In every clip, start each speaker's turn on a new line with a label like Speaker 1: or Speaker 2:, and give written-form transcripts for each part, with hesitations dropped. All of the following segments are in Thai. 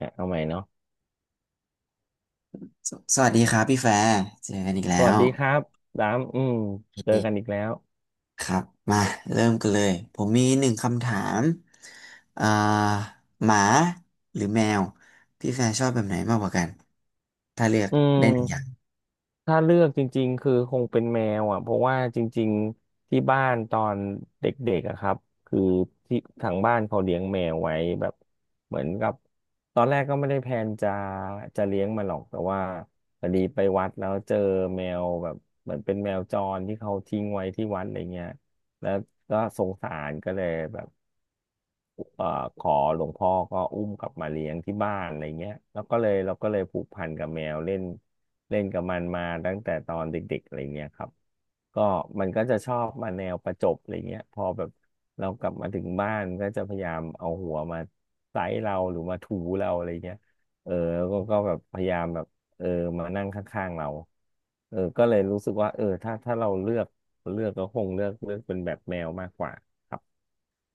Speaker 1: อ่ะเอาใหม่เนาะ
Speaker 2: วัสดีครับพี่แฟร์เจอกันอีกแล้
Speaker 1: สวัส
Speaker 2: ว
Speaker 1: ดีครับดามอืม
Speaker 2: โอ
Speaker 1: เจอกันอีก
Speaker 2: เค
Speaker 1: แล้ว
Speaker 2: ครับมาเริ่มกันเลยผมมีหนึ่งคำถามอ่าหมาหรือแมวพี่แฟร์ชอบแบบไหนมากกว่ากันถ้าเลือก
Speaker 1: อื
Speaker 2: ได้หนึ่งอย่าง
Speaker 1: มถ้าเลือกจริงๆคือคงเป็นแมวอ่ะเพราะว่าจริงๆที่บ้านตอนเด็กๆอะครับคือที่ทางบ้านเขาเลี้ยงแมวไว้แบบเหมือนกับตอนแรกก็ไม่ได้แพลนจะเลี้ยงมันหรอกแต่ว่าพอดีไปวัดแล้วเจอแมวแบบเหมือนเป็นแมวจรที่เขาทิ้งไว้ที่วัดอะไรเงี้ยแล้วก็สงสารก็เลยแบบ เอ่อขอหลวงพ่อก็อุ้มกลับมาเลี้ยงที่บ้านอะไรเงี้ยแล้วก็เลยเราก็เลยผูกพันกับแมวเล่นเล่นกับมันมาตั้งแต่ตอนเด็กๆอะไรเงี้ยครับก็มันก็จะชอบมาแนวประจบอะไรเงี้ยพอแบบเรากลับมาถึงบ้านก็จะพยายามเอาหัวมาไซเราหรือมาถูเราอะไรเงี้ยเออแล้วก็แบบพยายามแบบเออมานั่งข้างๆเราเออก็เลยรู้สึกว่าเออถ้าเราเลือกก็คงเลือกเป็นแบบแมวมากกว่าครับ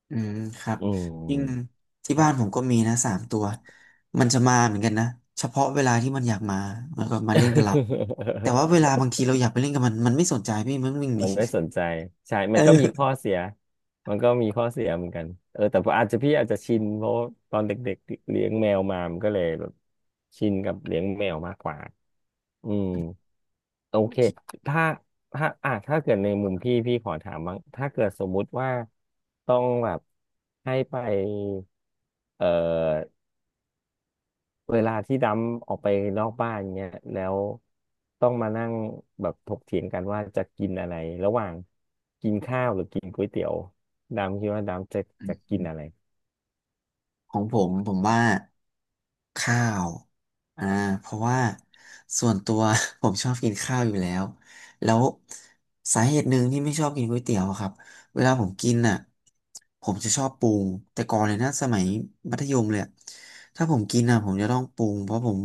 Speaker 2: อืมครับ
Speaker 1: อื
Speaker 2: จริง
Speaker 1: ม
Speaker 2: ที่บ้านผมก็มีนะสามตัวมันจะมาเหมือนกันนะเฉพาะเวลาที่มันอยากมามันก็มาเล่นกับเราแต่ว่าเว ลาบางทีเราอยากไปเล่นกับมันมันไม่สนใจพี่มันวิ่งหนี
Speaker 1: มันไม่สนใจใช่ มัน
Speaker 2: เออ
Speaker 1: ก็มีข้อเสีย มันก็มีข้อเสียเหมือนกันเออแต่อาจจะพี่อาจจะชินเพราะตอนเด็กๆเลี้ยงแมวมามันก็เลยแบบชินกับเลี้ยงแมวมากกว่าอืมโอเคถ้าถ้าเกิดในมุมพี่ขอถามบ้างถ้าเกิดสมมุติว่าต้องแบบให้ไปเอ่อ เวลาที่ดำออกไปนอกบ้านเงี้ยแล้วต้องมานั่งแบบถกเถียงกันว่าจะกินอะไรระหว่างกินข้าวหรือกินก๋วยเตี๋ยวดำคิดว่าดำจะกินอะไร
Speaker 2: ของผมผมว่าข้าวอ่าเพราะว่าส่วนตัว ผมชอบกินข้าวอยู่แล้วแล้วสาเหตุหนึ่งที่ไม่ชอบกินก๋วยเตี๋ยวอะครับเวลาผมกินอ่ะผมจะชอบปรุงแต่ก่อนเลยนะสมัยมัธยมเลยอะถ้าผมกินอ่ะผมจะต้องปรุงเพราะผม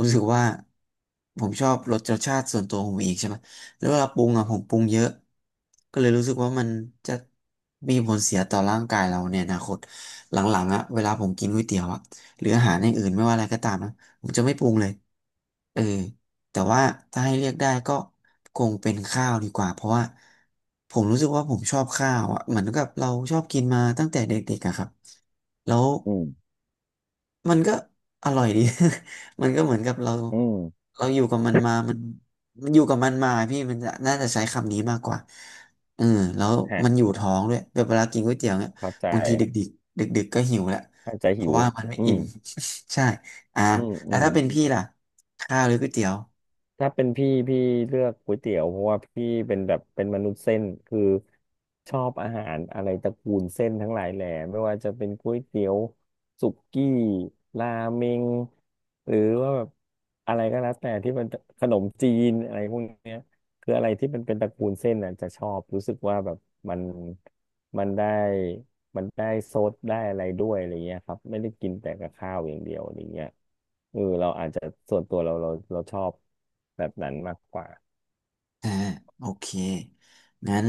Speaker 2: รู้สึกว่าผมชอบรสชาติส่วนตัวของผมเองใช่ไหมแล้วเวลาปรุงอ่ะผมปรุงเยอะก็เลยรู้สึกว่ามันจะมีผลเสียต่อร่างกายเราในอนาคต หลังๆอะเวลาผมกินก๋วยเตี๋ยวอะหรืออาหารอย่างอื่นไม่ว่าอะไรก็ตามนะผมจะไม่ปรุงเลยเออแต่ว่าถ้าให้เลือกได้ก็คงเป็นข้าวดีกว่าเพราะว่าผมรู้สึกว่าผมชอบข้าวอะเหมือนกับเราชอบกินมาตั้งแต่เด็กๆอะครับแล้ว
Speaker 1: อืม
Speaker 2: มันก็อร่อยดี มันก็เหมือนกับเรา
Speaker 1: อืม
Speaker 2: เราอยู่กับมันมามันมันอยู่กับมันมาพี่มันจะน่าจะใช้คำนี้มากกว่าเออแล้ว
Speaker 1: ฮะ
Speaker 2: มันอยู่ท้องด้วยแบบเวลากินก๋วยเตี๋ยวเนี่ย
Speaker 1: เข้าใจ
Speaker 2: บางทีดึกดึกๆก็หิวแหละ
Speaker 1: เข้าใจ
Speaker 2: เพ
Speaker 1: หิ
Speaker 2: ราะ
Speaker 1: ว
Speaker 2: ว่ามันไม่
Speaker 1: อื
Speaker 2: อิ่
Speaker 1: ม
Speaker 2: ม ใช่อ่า
Speaker 1: อืมอื
Speaker 2: แล้ว
Speaker 1: ม
Speaker 2: ถ้าเป็นพี่ล่ะข้าวหรือก๋วยเตี๋ยว
Speaker 1: ถ้าเป็นพี่เลือกก๋วยเตี๋ยวเพราะว่าพี่เป็นแบบเป็นมนุษย์เส้นคือชอบอาหารอะไรตระกูลเส้นทั้งหลายแหล่ไม่ว่าจะเป็นก๋วยเตี๋ยวสุกี้ราเมงหรือว่าแบบอะไรก็แล้วแต่ที่มันขนมจีนอะไรพวกเนี้ย คืออะไรที่มันเป็นตระกูลเส้นน่ะจะชอบรู้สึกว่าแบบมันมันได้มันได้ซดได้อะไรด้วยอะไรเงี้ยครับไม่ได้กินแต่กับข้าวอย่างเดียวอะไรเงี้ยเออเราอาจจะส่วนตัวเราชอบแบบนั้นมากกว่า
Speaker 2: อ่าโอเคงั้น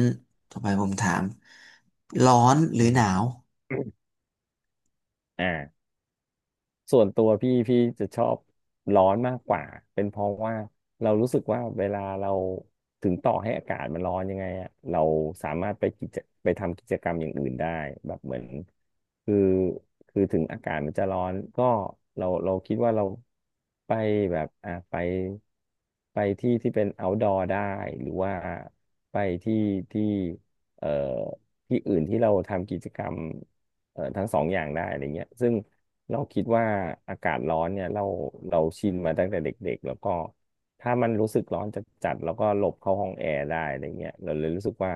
Speaker 2: ต่อไปผมถามร้อนห
Speaker 1: อื
Speaker 2: รือ
Speaker 1: ม
Speaker 2: หนาว
Speaker 1: อ่า ส่วนตัวพี่จะชอบร้อนมากกว่าเป็นเพราะว่าเรารู้สึกว่าเวลาเราถึงต่อให้อากาศมันร้อนยังไงอะเราสามารถไปทำกิจกรรมอย่างอื่นได้แบบเหมือนคือคือถึงอากาศมันจะร้อนก็เราคิดว่าเราไปแบบอ่ะไปที่ที่เป็น outdoor ได้หรือว่าไปที่ที่เอ่อที่อื่นที่เราทำกิจกรรม เอ่อทั้งสองอย่างได้อะไรเงี้ยซึ่งเราคิดว่าอากาศร้อนเนี่ยเราชินมาตั้งแต่เด็กๆแล้วก็ถ้ามันรู้สึกร้อนจัดๆแล้วก็หลบเข้าห้องแอร์ได้อะไรเงี้ยเราเลยรู้สึกว่า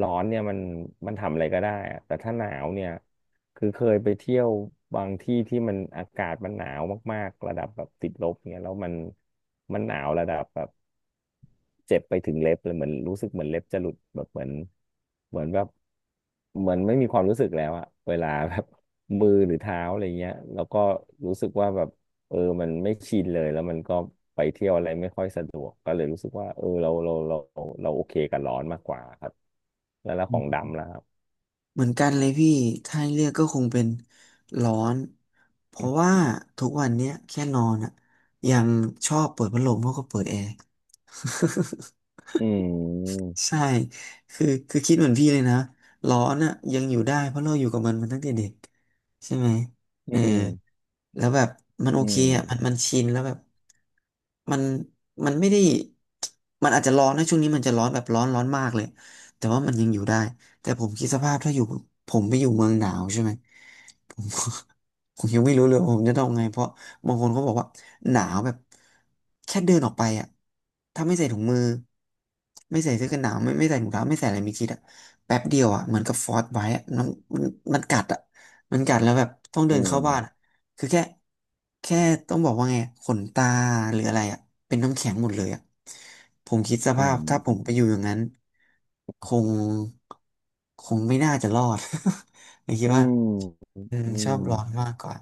Speaker 1: ร้อนเนี่ยมันทำอะไรก็ได้อะแต่ถ้าหนาวเนี่ยคือเคยไปเที่ยวบางที่ที่มันอากาศมันหนาวมากๆระดับแบบติดลบเนี่ยแล้วมันหนาวระดับแบบ เจ็บไปถึงเล็บเลยเหมือนรู้สึกเหมือนเล็บจะหลุดแบบเหมือนแบบเหมือนไม่มีความรู้สึกแล้วอะเวลาแบบ มือหรือเท้าอะไรเงี้ยแล้วก็รู้สึกว่าแบบเออมันไม่ชินเลยแล้วมันก็ไปเที่ยวอะไรไม่ค่อยสะดวกก็เลยรู้สึกว่าเออเราโอเคกับร้อนมากกว่าครับแล้วของดำแล้วครับ
Speaker 2: เหมือนกันเลยพี่ถ้าให้เลือกก็คงเป็นร้อนเพราะว่าทุกวันเนี้ยแค่นอนอะยังชอบเปิดพัดลมมากกว่าเปิดแอร์
Speaker 1: อืม
Speaker 2: ใช่คือคิดเหมือนพี่เลยนะร้อนอะยังอยู่ได้เพราะเราอยู่กับมันมาตั้งแต่เด็กใช่ไหม
Speaker 1: อื
Speaker 2: เออ
Speaker 1: ม
Speaker 2: แล้วแบบมันโอ
Speaker 1: อื
Speaker 2: เค
Speaker 1: ม
Speaker 2: อ่ะมันชินแล้วแบบมันมันไม่ได้มันอาจจะร้อนนะช่วงนี้มันจะร้อนแบบร้อนมากเลยแต่ว่ามันยังอยู่ได้แต่ผมคิดสภาพถ้าอยู่ผมไปอยู่เมืองหนาวใช่ไหมผม ผมยังไม่รู้เลยว่าผมจะต้องไงเพราะบางคนเขาบอกว่าหนาวแบบแค่เดินออกไปอ่ะถ้าไม่ใส่ถุงมือไม่ใส่เสื้อกันหนาวไม่ใส่ถุงเท้าไม่ใส่อะไรมีชิดอ่ะแป๊บเดียวอ่ะเหมือนกับฟอสไว้อะมันมันกัดอ่ะมันกัดแล้วแบบต้องเดิ
Speaker 1: อื
Speaker 2: นเข้า
Speaker 1: ม
Speaker 2: บ้าน คือแค่ต้องบอกว่าไงขนตาหรืออะไรอ่ะเป็นน้ำแข็งหมดเลยอ่ะผมคิดส
Speaker 1: อื
Speaker 2: ภาพ
Speaker 1: ม
Speaker 2: ถ้าผมไปอยู่อย่างนั้นคงคงไม่น่าจะรอด ผมคิด
Speaker 1: อื
Speaker 2: ว่า
Speaker 1: ม
Speaker 2: อืม
Speaker 1: อื
Speaker 2: ชอ
Speaker 1: ม
Speaker 2: บร้อนมากกว่า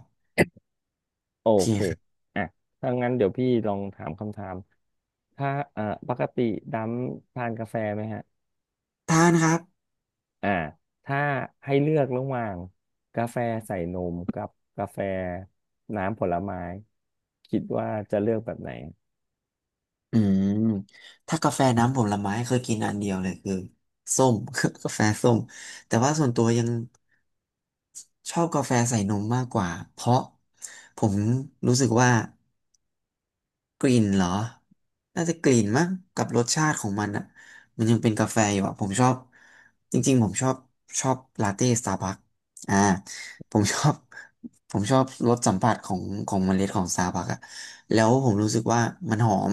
Speaker 1: โอ
Speaker 2: โอเค
Speaker 1: เค
Speaker 2: ครับ
Speaker 1: อ่ะถ้างั้นเดี๋ยวพี่ลองถามคำถาม ถ้าเอ่อปกติดำทานกาแฟไหมฮะ
Speaker 2: ทานครับ
Speaker 1: อ่าถ้าให้เลือกระหว่างกาแฟใส่นมกับกาแฟน้ำผลไม้คิดว่าจะเลือกแบบไหน
Speaker 2: อืมถ้ากาแฟน้ำผลไม้เคยกินอันเดียวเลยคือส้ม กาแฟส้มแต่ว่าส่วนตัวยังชอบกาแฟใส่นมมากกว่าเพราะผมรู้สึกว่า กลิ่นเหรอน่าจะกลิ่นมั้งกับรสชาติของมันอ่ะมันยังเป็นกาแฟอยู่อ่ะผมชอบจริงๆผมชอบชอบลาเต้สตาร์บัคอ่าผมชอบ ผมชอบรสสัมผัสของเมล็ดของสตาร์บัคอ่ะแล้วผมรู้สึกว่ามันหอม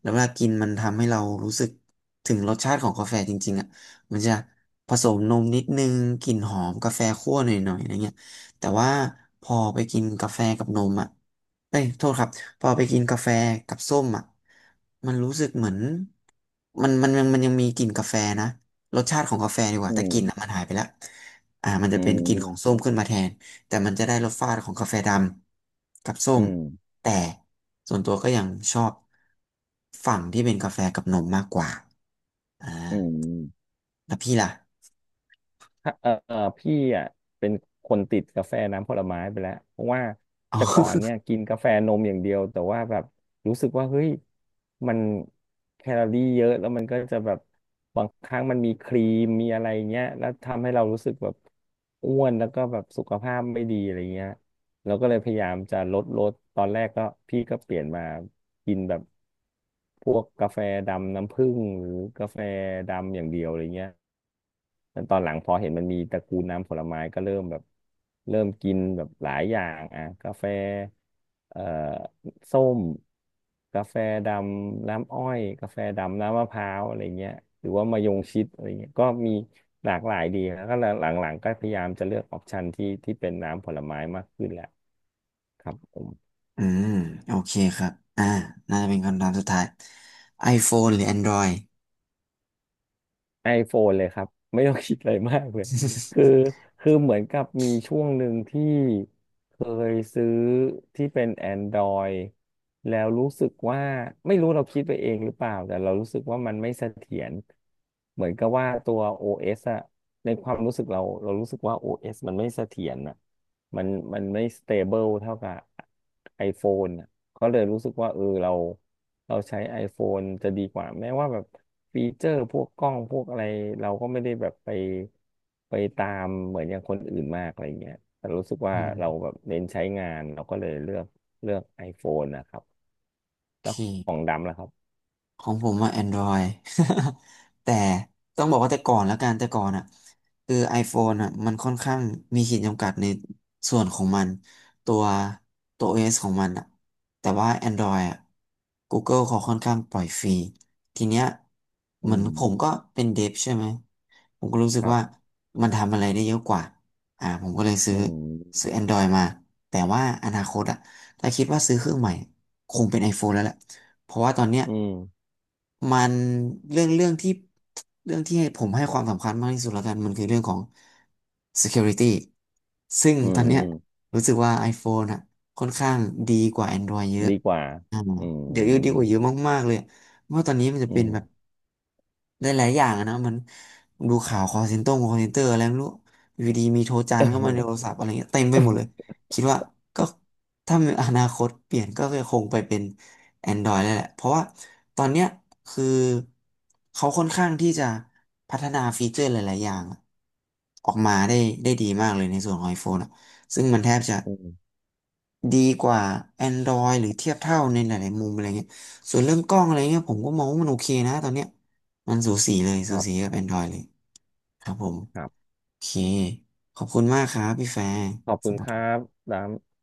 Speaker 2: แล้วเวลากินมันทำให้เรารู้สึกถึงรสชาติของกาแฟจริงๆอ่ะมันจะผสมนมนิดนึงกลิ่นหอมกาแฟคั่วหน่อยๆอะไรเงี้ยแต่ว่าพอไปกินกาแฟกับนมอ่ะเอ้ยโทษครับ พอไปกินกาแฟกับส้มอ่ะมันรู้สึกเหมือนมันยังมีกลิ่นกาแฟนะรสชาติของกาแฟดีกว่า
Speaker 1: อื
Speaker 2: แต่ก
Speaker 1: ม
Speaker 2: ลิ่นอ่ะมันหายไปแล้วอ่ามันจะ
Speaker 1: อื
Speaker 2: เป็นกลิ่นของส้
Speaker 1: ม
Speaker 2: มขึ้นมาแทนแต่มันจะได้รสชาติของกาแฟดำกับส้ม
Speaker 1: อืม
Speaker 2: แต่ส่วนตัวก็ยังชอบฝั่งที่เป็นกาแฟกับนมมากกว่าอ่า
Speaker 1: อืม
Speaker 2: แล้วพี่ล่ะ
Speaker 1: ถ้าเออเอ่อพี่อ่ะเป็นคนติดกาแฟน้ำผลไม้ไปแล้วเพราะว่า
Speaker 2: อ๋อ
Speaker 1: แต่ก่อนเนี่ยกินกาแฟนมอย่างเดียวแต่ว่าแบบรู้สึกว่าเฮ้ยมันแคลอรี่เยอะแล้วมันก็จะแบบบางครั้งมันมีครีมมีอะไรเงี้ยแล้วทำให้เรารู้สึกแบบอ้วนแล้วก็แบบสุขภาพไม่ดีอะไรเงี้ยเราก็เลยพยายามจะลดตอนแรกก็พี่ก็เปลี่ยนมากินแบบพวกกาแฟดำน้ำผึ้งหรือกาแฟดำอย่างเดียวอะไรเงี้ย แล้วตอนหลังพอเห็นมันมีตระกูลน้ำผลไม้ก็เริ่มแบบเริ่มกินแบบหลายอย่างอ่ะกาแฟเอ่อส้มกาแฟดำน้ำอ้อยกาแฟดำน้ำมะพร้าวอะไรเงี้ยหรือว่ามะยงชิดอะไรเงี้ยก็มีหลากหลายดีแล้วก็หลังๆก็พยายามจะเลือกออปชันที่ที่เป็นน้ำผลไม้มากขึ้นแหละครับผม
Speaker 2: อืมโอเคครับอ่าน่าจะเป็นคำถามสุดท้าย iPhone หรือ Android
Speaker 1: iPhone เลยครับ ไม่ต้องคิดอะไรมากเลยคือคือเหมือนกับมีช่วงหนึ่งที่เคยซื้อที่เป็น Android แล้วรู้สึกว่าไม่รู้เราคิดไปเองหรือเปล่าแต่เรารู้สึกว่ามันไม่เสถียรเหมือนกับว่าตัว OS อเอสอะในความรู้สึกเราเรารู้สึกว่า OS มันไม่เสถียรอะมันมันไม่ stable เท่ากับ iPhone อะ ก็เลยรู้สึกว่าเออเราใช้ iPhone จะดีกว่าแม้ว่าแบบฟีเจอร์พวกกล้องพวกอะไรเราก็ไม่ได้แบบไปไปตามเหมือนอย่างคนอื่นมากอะไรเงี้ยแต่รู้สึก ว่า
Speaker 2: อื
Speaker 1: เรา
Speaker 2: ม
Speaker 1: แบบเน้นใช้งานเราก็เลยเลือก iPhone นะครับ
Speaker 2: โอ
Speaker 1: แล้
Speaker 2: เค
Speaker 1: วของดำล่ะครับ
Speaker 2: ของผมว่า Android แต่ต้องบอกว่าแต่ก่อนแล้วกันแต่ก่อนอ่ะคือ iPhone อ่ะมันค่อนข้างมีขีดจำกัดในส่วนของมันตัวตัว
Speaker 1: อืม
Speaker 2: OS ของมันอ่ะแต่ว่า Android อ่ะ Google เขาค่อนข้างปล่อยฟรีทีเนี้ยเหมื
Speaker 1: อื
Speaker 2: อนผม
Speaker 1: ม
Speaker 2: ก็เป็นเดฟใช่ไหมผมก็รู้สึ
Speaker 1: ค
Speaker 2: ก
Speaker 1: รับ
Speaker 2: ว่ามันทำอะไรได้เยอะกว่าอ่าผมก็เลย
Speaker 1: อื
Speaker 2: ซื้อ
Speaker 1: ม
Speaker 2: Android มาแต่ว่าอนาคตอ่ะถ้าคิดว่าซื้อเครื่องใหม่คงเป็น iPhone แล้วแหละ เพราะว่าตอนเนี้ย
Speaker 1: อืม
Speaker 2: มันเรื่องเรื่องที่เรื่องที่ให้ผมให้ความสำคัญมากที่สุดแล้วกันมันคือเรื่องของ security ซึ่ง
Speaker 1: อื
Speaker 2: ตอนเนี้ย
Speaker 1: ม
Speaker 2: รู้สึกว่า iPhone อะค่อนข้างดีกว่า Android เยอะ
Speaker 1: ดีกว่าอื
Speaker 2: เดี๋ยวดีกว่า
Speaker 1: ม
Speaker 2: เยอะมากๆเลยเพราะว่าตอนนี้มันจะ
Speaker 1: อื
Speaker 2: เป็น
Speaker 1: ม
Speaker 2: แบบ ได้หลายอย่างอะนะมันดูข่าวคอลเซ็นเตอร์อะไรไม่รู้อยู่ดีมีโทรจานเข้ามาในโทรศัพท์อะไรเงี้ยเต็มไปหมดเลย คิดว่าก็ถ้ามีอนาคตเปลี่ยนก็คงไปเป็น Android แล้วแหละเพราะว่าตอนเนี้ยคือเขาค่อนข้างที่จะพัฒนาฟีเจอร์หลายๆอย่างออกมาได้ได้ดีมากเลยในส่วนของ iPhone อะซึ่งมันแทบจะ
Speaker 1: อืม
Speaker 2: ดีกว่า Android หรือเทียบเท่าในหลายๆมุมอะไรเงี้ยส่วนเรื่องกล้องอะไรเงี้ยผมก็มองว่ามันโอเคนะตอนเนี้ยมันสูสีเลย
Speaker 1: ค
Speaker 2: สู
Speaker 1: รั
Speaker 2: สี
Speaker 1: บ
Speaker 2: กับ Android เลยครับผม
Speaker 1: ครับ
Speaker 2: โอเคขอบคุณมากครับพี่แฟร์
Speaker 1: ขอบคุณ
Speaker 2: สำห
Speaker 1: ค
Speaker 2: รั
Speaker 1: รั
Speaker 2: บ
Speaker 1: บดำ